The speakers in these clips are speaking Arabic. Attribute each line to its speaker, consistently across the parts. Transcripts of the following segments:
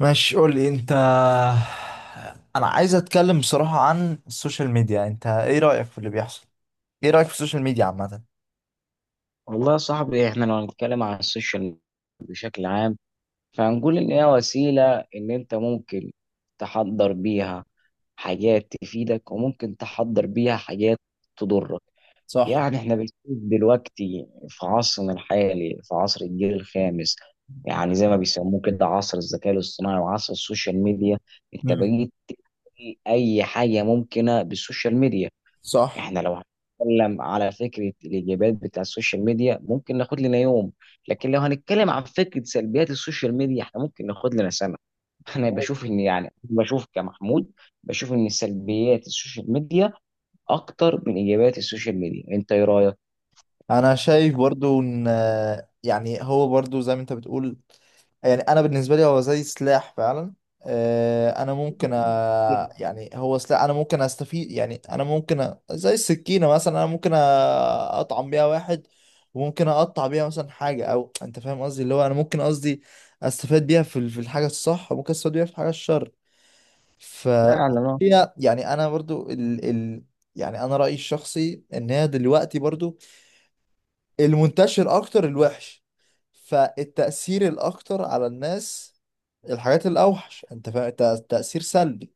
Speaker 1: ماشي، قول لي انت. انا عايز اتكلم بصراحة عن السوشيال ميديا. انت ايه رأيك في اللي بيحصل؟ ايه رأيك في السوشيال ميديا عامة؟
Speaker 2: والله يا صاحبي، احنا لو هنتكلم عن السوشيال بشكل عام فهنقول ان هي وسيلة ان انت ممكن تحضر بيها حاجات تفيدك وممكن تحضر بيها حاجات تضرك.
Speaker 1: صح.
Speaker 2: يعني احنا بنشوف دلوقتي في عصرنا الحالي، في عصر الجيل الخامس، يعني زي ما بيسموه كده عصر الذكاء الاصطناعي وعصر السوشيال ميديا. انت
Speaker 1: مم.
Speaker 2: بقيت اي حاجة ممكنة بالسوشيال ميديا.
Speaker 1: صح.
Speaker 2: احنا لو هنتكلم على فكره الايجابيات بتاع السوشيال ميديا ممكن ناخد لنا يوم، لكن لو هنتكلم عن فكره سلبيات السوشيال ميديا احنا ممكن ناخد لنا سنه. انا بشوف ان، يعني بشوف كمحمود، بشوف ان سلبيات السوشيال ميديا اكتر من ايجابيات السوشيال ميديا. انت ايه رايك؟
Speaker 1: انا شايف برضو ان، يعني هو برضو زي ما انت بتقول، يعني انا بالنسبه لي هو زي سلاح فعلا. انا ممكن يعني هو سلاح. انا ممكن استفيد، يعني انا ممكن زي السكينه مثلا. انا ممكن اطعم بيها واحد، وممكن اقطع بيها مثلا حاجه، او انت فاهم قصدي؟ اللي هو انا ممكن قصدي استفاد بيها في الحاجه الصح، وممكن استفاد بيها في الحاجه الشر. ف
Speaker 2: فعلا اه
Speaker 1: هي يعني انا برضو يعني انا رايي الشخصي ان هي دلوقتي برضو المنتشر اكتر الوحش، فالتأثير الاكتر على الناس الحاجات الاوحش. انت فاهم تأثير سلبي؟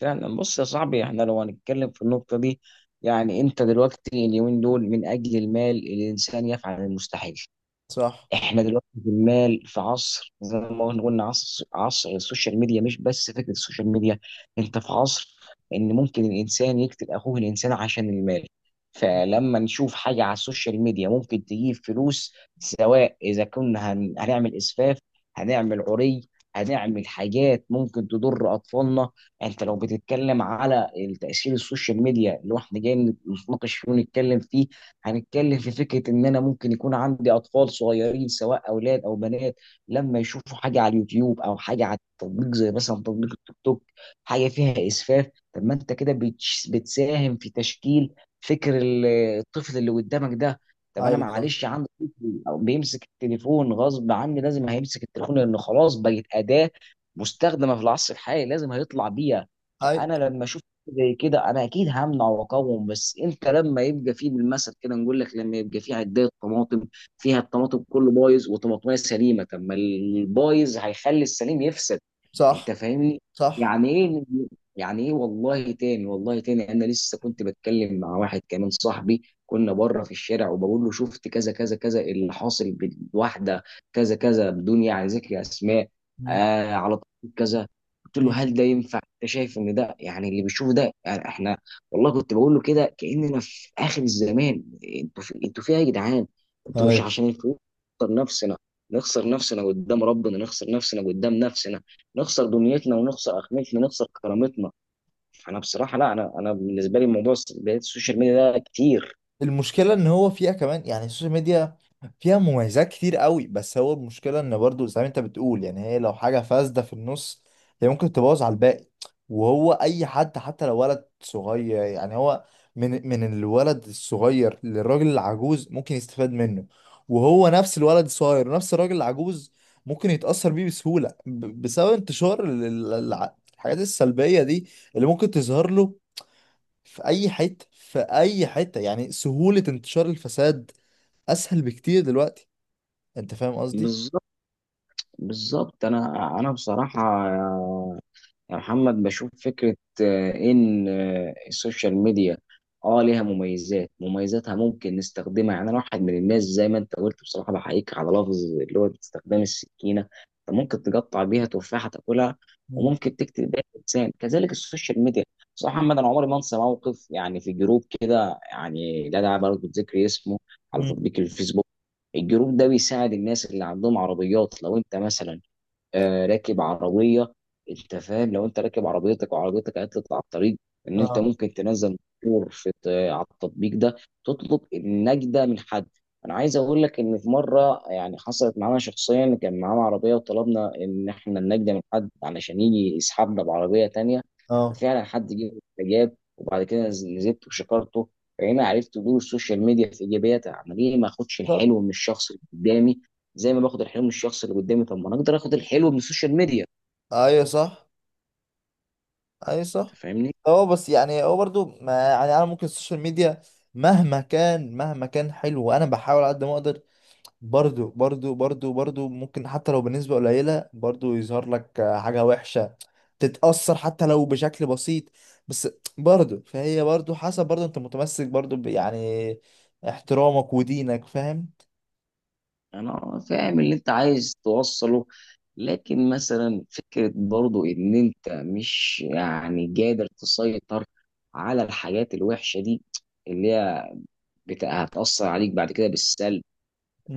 Speaker 2: فعلا بص يا صاحبي، احنا لو هنتكلم في النقطة دي. يعني انت دلوقتي اليومين دول من اجل المال الانسان يفعل المستحيل.
Speaker 1: صح.
Speaker 2: احنا دلوقتي جمال في عصر زي ما قلنا عصر السوشيال ميديا، مش بس فكره السوشيال ميديا. انت في عصر ان ممكن الانسان يقتل اخوه الانسان عشان المال. فلما نشوف حاجه على السوشيال ميديا ممكن تجيب فلوس، سواء اذا كنا هنعمل اسفاف، هنعمل عري، هنعمل حاجات ممكن تضر اطفالنا. انت لو بتتكلم على تاثير السوشيال ميديا اللي احنا جايين نتناقش فيه ونتكلم فيه، هنتكلم في فكرة إن أنا ممكن يكون عندي أطفال صغيرين سواء أولاد أو بنات. لما يشوفوا حاجة على اليوتيوب أو حاجة على التطبيق زي مثلا تطبيق التيك توك، حاجة فيها إسفاف. طب ما أنت كده بتساهم في تشكيل فكر الطفل اللي قدامك ده. طب أنا
Speaker 1: ايوه صح.
Speaker 2: معلش عندي طفل أو بيمسك التليفون غصب عني، لازم هيمسك التليفون لأنه خلاص بقت أداة مستخدمة في العصر الحالي، لازم هيطلع بيها.
Speaker 1: ايوه
Speaker 2: فأنا لما أشوف زي كده انا اكيد همنع واقاوم. بس انت لما يبقى فيه بالمثل كده، نقول لك لما يبقى فيه عدايه طماطم فيها الطماطم كله بايظ وطماطميه سليمه، طب ما البايظ هيخلي السليم يفسد.
Speaker 1: صح.
Speaker 2: انت فاهمني؟
Speaker 1: صح.
Speaker 2: يعني ايه؟ يعني ايه؟ والله تاني، والله تاني، انا لسه كنت بتكلم مع واحد كمان صاحبي، كنا بره في الشارع وبقول له شفت كذا كذا كذا اللي حاصل بالواحده، كذا كذا، بدون يعني ذكر اسماء.
Speaker 1: مم.
Speaker 2: آه، على طول كذا. قلت له
Speaker 1: مم.
Speaker 2: هل ده ينفع؟ انت شايف ان ده، يعني اللي بيشوف ده يعني احنا. والله كنت بقول له كده كاننا في اخر الزمان. انتوا فيها يا جدعان. انتوا مش
Speaker 1: ايوه.
Speaker 2: عشان الفلوس نخسر نفسنا، نخسر نفسنا قدام ربنا، نخسر نفسنا قدام نفسنا، نخسر دنيتنا ونخسر اخرتنا، نخسر كرامتنا. انا بصراحه لا، انا بالنسبه لي موضوع بداية السوشيال ميديا ده كتير.
Speaker 1: المشكلة ان هو فيها كمان، يعني السوشيال ميديا فيها مميزات كتير قوي، بس هو المشكلة ان برضو زي ما انت بتقول، يعني هي لو حاجة فاسدة في النص، هي ممكن تبوظ على الباقي. وهو اي حد حتى لو ولد صغير، يعني هو من الولد الصغير للراجل العجوز ممكن يستفاد منه، وهو نفس الولد الصغير ونفس الراجل العجوز ممكن يتأثر بيه بسهولة بسبب انتشار الحاجات السلبية دي اللي ممكن تظهر له في اي حته، في اي حته. يعني سهوله انتشار الفساد اسهل بكتير دلوقتي. انت فاهم قصدي؟
Speaker 2: بالظبط بالظبط، انا بصراحه يا محمد بشوف فكرة. إن السوشيال ميديا ليها مميزاتها ممكن نستخدمها. يعني أنا واحد من الناس، زي ما أنت قلت، بصراحة بحييك على لفظ اللي هو استخدام السكينة. أنت ممكن تقطع بيها تفاحة تاكلها،
Speaker 1: مم.
Speaker 2: وممكن تكتب بيها إنسان. كذلك السوشيال ميديا. بصراحة محمد، أنا عمري ما أنسى موقف، يعني في جروب كده، يعني لا داعي برضه لذكر اسمه، على
Speaker 1: مم.
Speaker 2: تطبيق الفيسبوك. الجروب ده بيساعد الناس اللي عندهم عربيات. لو انت مثلا راكب عربيه، انت فاهم، لو انت راكب عربيتك وعربيتك عطلت على الطريق، ان انت
Speaker 1: اه.
Speaker 2: ممكن تنزل مشهور على التطبيق ده تطلب النجده من حد. انا عايز اقول لك ان في مره يعني حصلت معانا شخصيا، كان معانا عربيه وطلبنا ان احنا النجده من حد علشان يجي يسحبنا بعربيه تانية.
Speaker 1: اه.
Speaker 2: ففعلا حد جه، جاب، وبعد كده نزلت وشكرته. فهنا عرفت دور السوشيال ميديا في ايجابياتها عمال ايه. ما اخدش
Speaker 1: صح.
Speaker 2: الحلو من الشخص اللي قدامي؟ زي ما باخد الحلو من الشخص اللي قدامي، طب ما انا اقدر اخد الحلو من السوشيال ميديا.
Speaker 1: ايوه صح. ايوه
Speaker 2: انت
Speaker 1: صح.
Speaker 2: فاهمني؟
Speaker 1: هو بس، يعني هو برضو ما، يعني انا ممكن السوشيال ميديا مهما كان، مهما كان حلو وانا بحاول على قد ما اقدر، برضو ممكن حتى لو بنسبة قليلة برضو يظهر لك حاجة وحشة، تتأثر حتى لو بشكل بسيط. بس برضو فهي برضو حسب برضو انت متمسك برضو يعني احترامك ودينك. فاهم؟
Speaker 2: انا فاهم اللي انت عايز توصله. لكن مثلا فكرة برضو ان انت مش يعني قادر تسيطر على الحاجات الوحشة دي، اللي هي هتأثر عليك بعد كده بالسلب.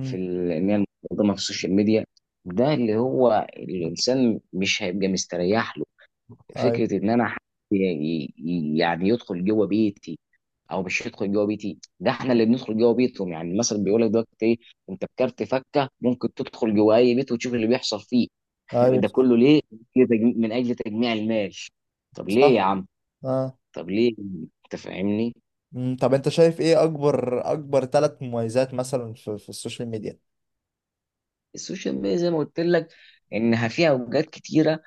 Speaker 2: في ان هي المقدمة في السوشيال ميديا، ده اللي هو الانسان مش هيبقى مستريح له.
Speaker 1: ايوه.
Speaker 2: فكرة ان انا حد ي- يعني يدخل جوه بيتي، او مش يدخل جوه بيتي، ده احنا اللي بندخل جوه بيتهم. يعني المثل بيقول لك دلوقتي ايه؟ انت بكارت فكه ممكن تدخل جوه اي بيت وتشوف اللي بيحصل فيه.
Speaker 1: ايوه
Speaker 2: ده
Speaker 1: صح.
Speaker 2: كله ليه؟ ليه من اجل تجميع المال؟ طب ليه يا
Speaker 1: صح.
Speaker 2: عم؟
Speaker 1: اه.
Speaker 2: طب ليه؟ انت فاهمني؟
Speaker 1: مم. طب انت شايف ايه اكبر ثلاث مميزات مثلا في السوشيال ميديا؟
Speaker 2: السوشيال ميديا زي ما قلت لك انها فيها اوجات كتيره.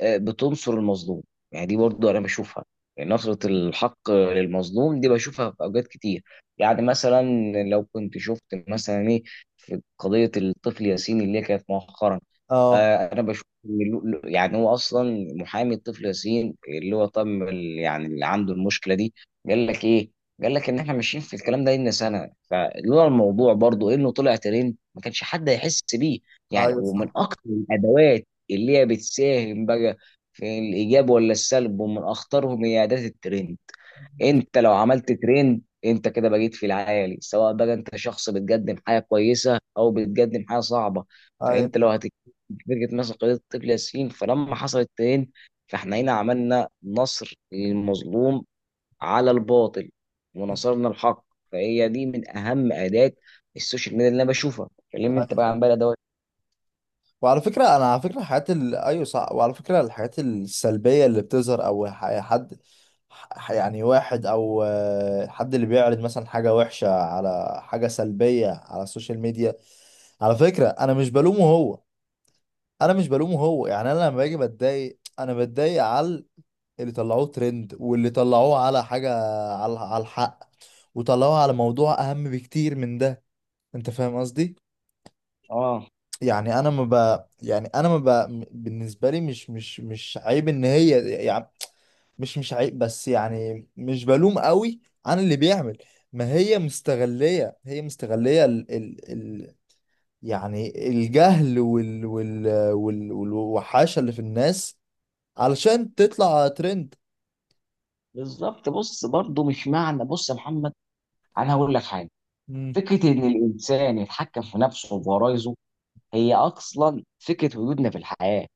Speaker 2: بتنصر المظلوم. يعني دي برضو انا بشوفها، يعني نصرة الحق للمظلوم دي بشوفها في اوجات كتير. يعني مثلا، لو كنت شفت مثلا ايه، في قضية الطفل ياسين اللي هي كانت مؤخرا.
Speaker 1: اه.
Speaker 2: انا بشوف ان يعني هو اصلا محامي الطفل ياسين، اللي هو يعني اللي عنده المشكله دي، قال لك ايه؟ قال لك ان احنا ماشيين في الكلام ده لنا سنه، فلولا الموضوع برضو انه طلع ترند ما كانش حد هيحس بيه. يعني
Speaker 1: ايوه
Speaker 2: ومن
Speaker 1: صح.
Speaker 2: اكتر الادوات اللي هي بتساهم بقى في الايجاب ولا السلب ومن اخطرهم، هي اداه الترند. انت لو عملت ترند انت كده بقيت في العالي، سواء بقى انت شخص بتقدم حاجه كويسه او بتقدم حاجه صعبه. فانت
Speaker 1: ايوه.
Speaker 2: لو هتتكلم في فرقه مثلا قضيه الطفل ياسين، فلما حصل الترند فاحنا هنا عملنا نصر للمظلوم على الباطل، ونصرنا الحق. فهي دي من اهم اداه السوشيال ميديا اللي انا بشوفها. كلمني انت بقى عن بقى دوت.
Speaker 1: وعلى فكرة، أنا على فكرة الحاجات أيوة صح، وعلى فكرة الحاجات السلبية اللي بتظهر أو يعني يعني واحد أو حد اللي بيعرض مثلا حاجة وحشة، على حاجة سلبية على السوشيال ميديا. على فكرة أنا مش بلومه هو، أنا مش بلومه هو. يعني أنا لما باجي بتضايق، أنا بتضايق على اللي طلعوه ترند، واللي طلعوه على حاجة، على الحق، وطلعوه على موضوع أهم بكتير من ده. أنت فاهم قصدي؟
Speaker 2: اه.
Speaker 1: يعني انا ما ب... يعني انا ما ب... م- بالنسبه لي مش عيب ان هي، يعني مش عيب، بس يعني مش بلوم قوي عن اللي بيعمل. ما هي مستغليه، هي مستغليه يعني الجهل والوحاشه اللي في الناس علشان تطلع ترند.
Speaker 2: بالظبط. بص برضه مش معنى، بص يا محمد، انا هقول لك حاجه.
Speaker 1: امم.
Speaker 2: فكره ان الانسان يتحكم في نفسه وفي غرايزه، هي اصلا فكره وجودنا في الحياه.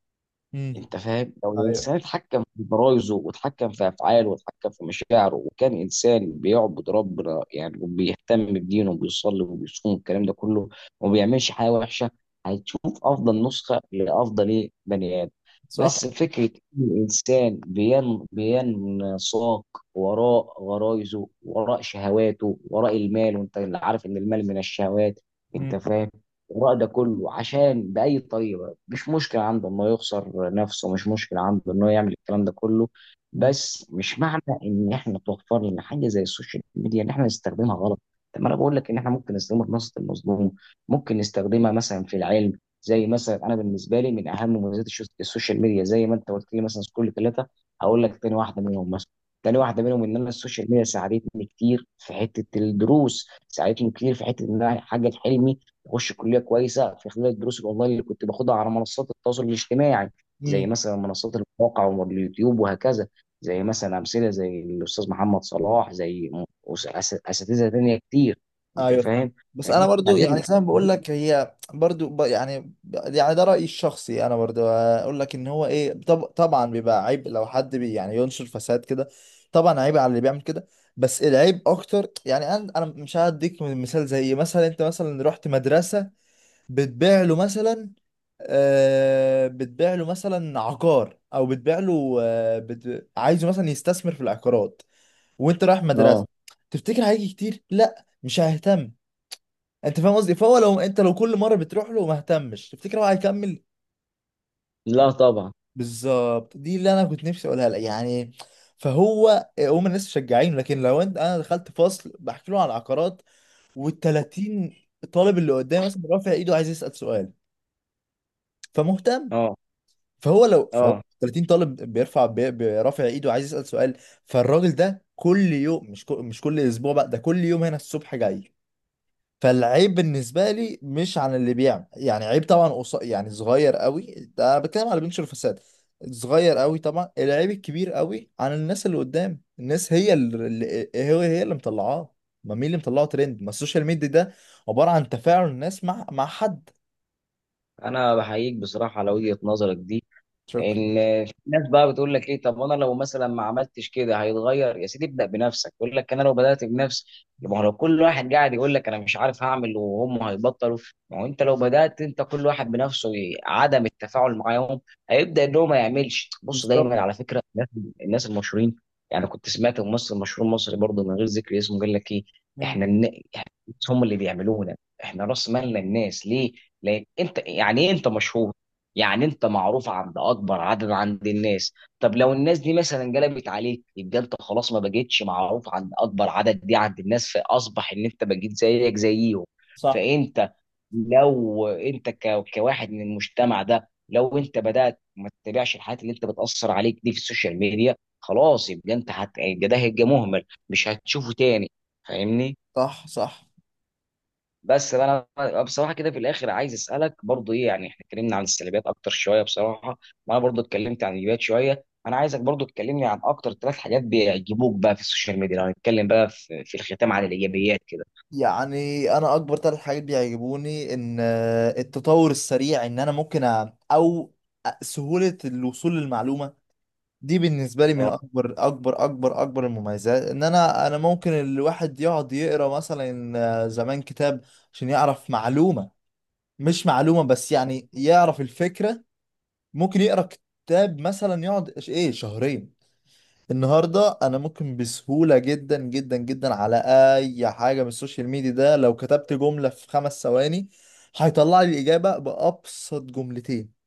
Speaker 1: امم.
Speaker 2: انت فاهم، لو
Speaker 1: ايوه
Speaker 2: الانسان اتحكم في برايزه واتحكم في افعاله واتحكم في مشاعره، وكان انسان بيعبد ربنا، يعني وبيهتم بدينه وبيصلي وبيصوم والكلام ده كله، وما بيعملش حاجه وحشه، هتشوف افضل نسخه لافضل ايه بني ادم.
Speaker 1: صح.
Speaker 2: بس فكره ان الانسان بينساق وراء غرايزه، وراء شهواته، وراء المال، وانت اللي عارف ان المال من الشهوات، انت فاهم، وراء ده كله عشان باي طريقه، مش مشكلة عنده إنه يخسر نفسه، مش مشكلة عنده إنه يعمل الكلام ده كله. بس مش معنى إن إحنا توفر لنا حاجة زي السوشيال ميديا إن إحنا نستخدمها غلط. طب ما أنا بقول لك إن إحنا ممكن نستخدمها في نصرة المظلوم، ممكن نستخدمها مثلا في العلم. زي مثلا أنا بالنسبة لي من أهم مميزات السوشيال ميديا، زي ما أنت قلت لي مثلا كل ثلاثة، هقول لك تاني واحدة منهم مثلا. تاني واحدة منهم إن أنا السوشيال ميديا ساعدتني كتير في حتة الدروس، ساعدتني كتير في حتة إن أنا أحقق حلمي. واخش كليه كويسه في خلال الدروس الاونلاين اللي كنت باخدها على منصات التواصل الاجتماعي. زي
Speaker 1: امم.
Speaker 2: مثلا منصات المواقع واليوتيوب وهكذا. زي مثلا امثله زي الاستاذ محمد صلاح، زي اساتذه تانيه كتير. انت
Speaker 1: ايوه فاهم.
Speaker 2: فاهم؟
Speaker 1: بس انا
Speaker 2: فدي
Speaker 1: برضو، يعني
Speaker 2: ساعدتني.
Speaker 1: زي ما بقول لك، هي برضو يعني يعني ده رايي الشخصي. انا برضو اقول لك ان هو ايه، طبعا بيبقى عيب لو حد بي يعني ينشر فساد كده. طبعا عيب على اللي بيعمل كده، بس العيب اكتر. يعني انا مش هديك مثال، زي مثلا انت مثلا رحت مدرسه بتبيع له مثلا، بتبيع له مثلا عقار، او بتبيع له عايزه مثلا يستثمر في العقارات وانت رايح مدرسه.
Speaker 2: اه.
Speaker 1: تفتكر هيجي كتير؟ لا، مش هيهتم. انت فاهم قصدي؟ فهو لو انت، لو كل مره بتروح له وما اهتمش، تفتكر هو هيكمل؟
Speaker 2: لا طبعا.
Speaker 1: بالظبط. دي اللي انا كنت نفسي اقولها لك يعني. فهو هم الناس مشجعينه، لكن لو انت، انا دخلت فصل بحكي له عن العقارات، وال30 طالب اللي قدامي مثلا رافع ايده عايز يسال سؤال فمهتم.
Speaker 2: اه.
Speaker 1: فهو لو فهو
Speaker 2: اه.
Speaker 1: 30 طالب بيرفع ايده عايز يسال سؤال، فالراجل ده كل يوم، مش كل اسبوع بقى، ده كل يوم هنا الصبح جاي. فالعيب بالنسبه لي مش عن اللي بيعمل، يعني عيب طبعا يعني صغير قوي. ده أنا بتكلم على اللي بينشر فساد. صغير قوي طبعا. العيب الكبير قوي عن الناس اللي قدام، الناس هي هي اللي مطلعاه. ما مين اللي مطلعه ترند؟ ما السوشيال ميديا ده عباره عن تفاعل الناس مع حد.
Speaker 2: انا بحييك بصراحه على وجهه نظرك دي.
Speaker 1: شكرا.
Speaker 2: في ناس بقى بتقول لك ايه؟ طب انا لو مثلا ما عملتش كده هيتغير. يا سيدي ابدا بنفسك. يقول لك انا لو بدات بنفسي. ما هو لو كل واحد قاعد يقول لك انا مش عارف هعمل، وهم هيبطلوا. ما هو انت لو بدات انت كل واحد بنفسه عدم التفاعل معاهم، هيبدا ان هو ما يعملش. بص
Speaker 1: بالظبط.
Speaker 2: دايما على فكره الناس المشهورين. يعني كنت سمعت ممثل مشهور مصري برضه من غير ذكر اسمه قال لك ايه.
Speaker 1: مم.
Speaker 2: احنا إحنا هم اللي بيعملونا. احنا راس مالنا الناس. ليه؟ لان انت يعني ايه انت مشهور، يعني انت معروف عند اكبر عدد عند الناس. طب لو الناس دي مثلا قلبت عليك يبقى انت خلاص ما بقيتش معروف عند اكبر عدد دي عند الناس، فاصبح ان انت بقيت زيك زيهم.
Speaker 1: صح.
Speaker 2: فانت لو انت كواحد من المجتمع ده، لو انت بدأت ما تتابعش الحاجات اللي انت بتأثر عليك دي في السوشيال ميديا خلاص، يبقى انت يبقى ده هيبقى مهمل، مش هتشوفه تاني. فاهمني؟
Speaker 1: صح. صح.
Speaker 2: بس انا بصراحه كده في الاخر عايز اسالك برضو ايه. يعني احنا اتكلمنا عن السلبيات اكتر شويه بصراحه، وانا برضو اتكلمت عن الايجابيات شويه. انا عايزك برضو تكلمني عن اكتر ثلاث حاجات بيعجبوك بقى في السوشيال ميديا، لو هنتكلم بقى في الختام عن الايجابيات كده.
Speaker 1: يعني انا اكبر ثلاث حاجات بيعجبوني ان التطور السريع، ان انا ممكن او سهولة الوصول للمعلومة. دي بالنسبة لي من أكبر المميزات. إن أنا ممكن الواحد يقعد يقرأ مثلا زمان كتاب عشان يعرف معلومة، مش معلومة بس، يعني يعرف الفكرة. ممكن يقرأ كتاب مثلا يقعد إيه شهرين. النهاردة أنا ممكن بسهولة جدا جدا جدا على أي حاجة من السوشيال ميديا ده، لو كتبت جملة في 5 ثواني هيطلع لي الإجابة بأبسط جملتين.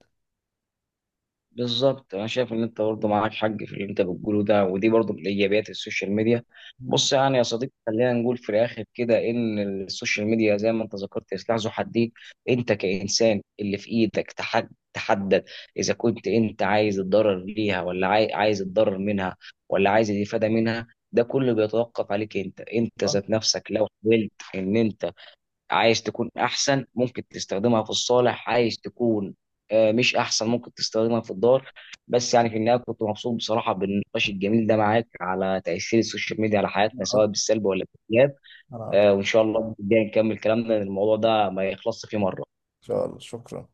Speaker 2: بالظبط. انا شايف ان انت برضه معاك حق في اللي انت بتقوله ده، ودي برضه من ايجابيات السوشيال ميديا.
Speaker 1: مم.
Speaker 2: بص يعني يا صديقي، خلينا نقول في الاخر كده ان السوشيال ميديا زي ما انت ذكرت سلاح ذو حدين. انت كانسان اللي في ايدك تحدد اذا كنت انت عايز الضرر ليها، ولا عايز الضرر منها، ولا عايز الافاده منها. ده كله بيتوقف عليك انت، انت
Speaker 1: أه،
Speaker 2: ذات نفسك، لو حاولت ان انت عايز تكون احسن ممكن تستخدمها في الصالح، عايز تكون مش احسن ممكن تستخدمها في الدار. بس يعني في النهايه كنت مبسوط بصراحه بالنقاش الجميل ده معاك على تاثير السوشيال ميديا على
Speaker 1: أنا
Speaker 2: حياتنا، سواء
Speaker 1: أكتر.
Speaker 2: بالسلب ولا بالايجاب.
Speaker 1: أنا أكتر.
Speaker 2: وان شاء الله الجاي نكمل كلامنا لأن الموضوع ده ما يخلصش فيه مره.
Speaker 1: إن شاء الله، شكرا.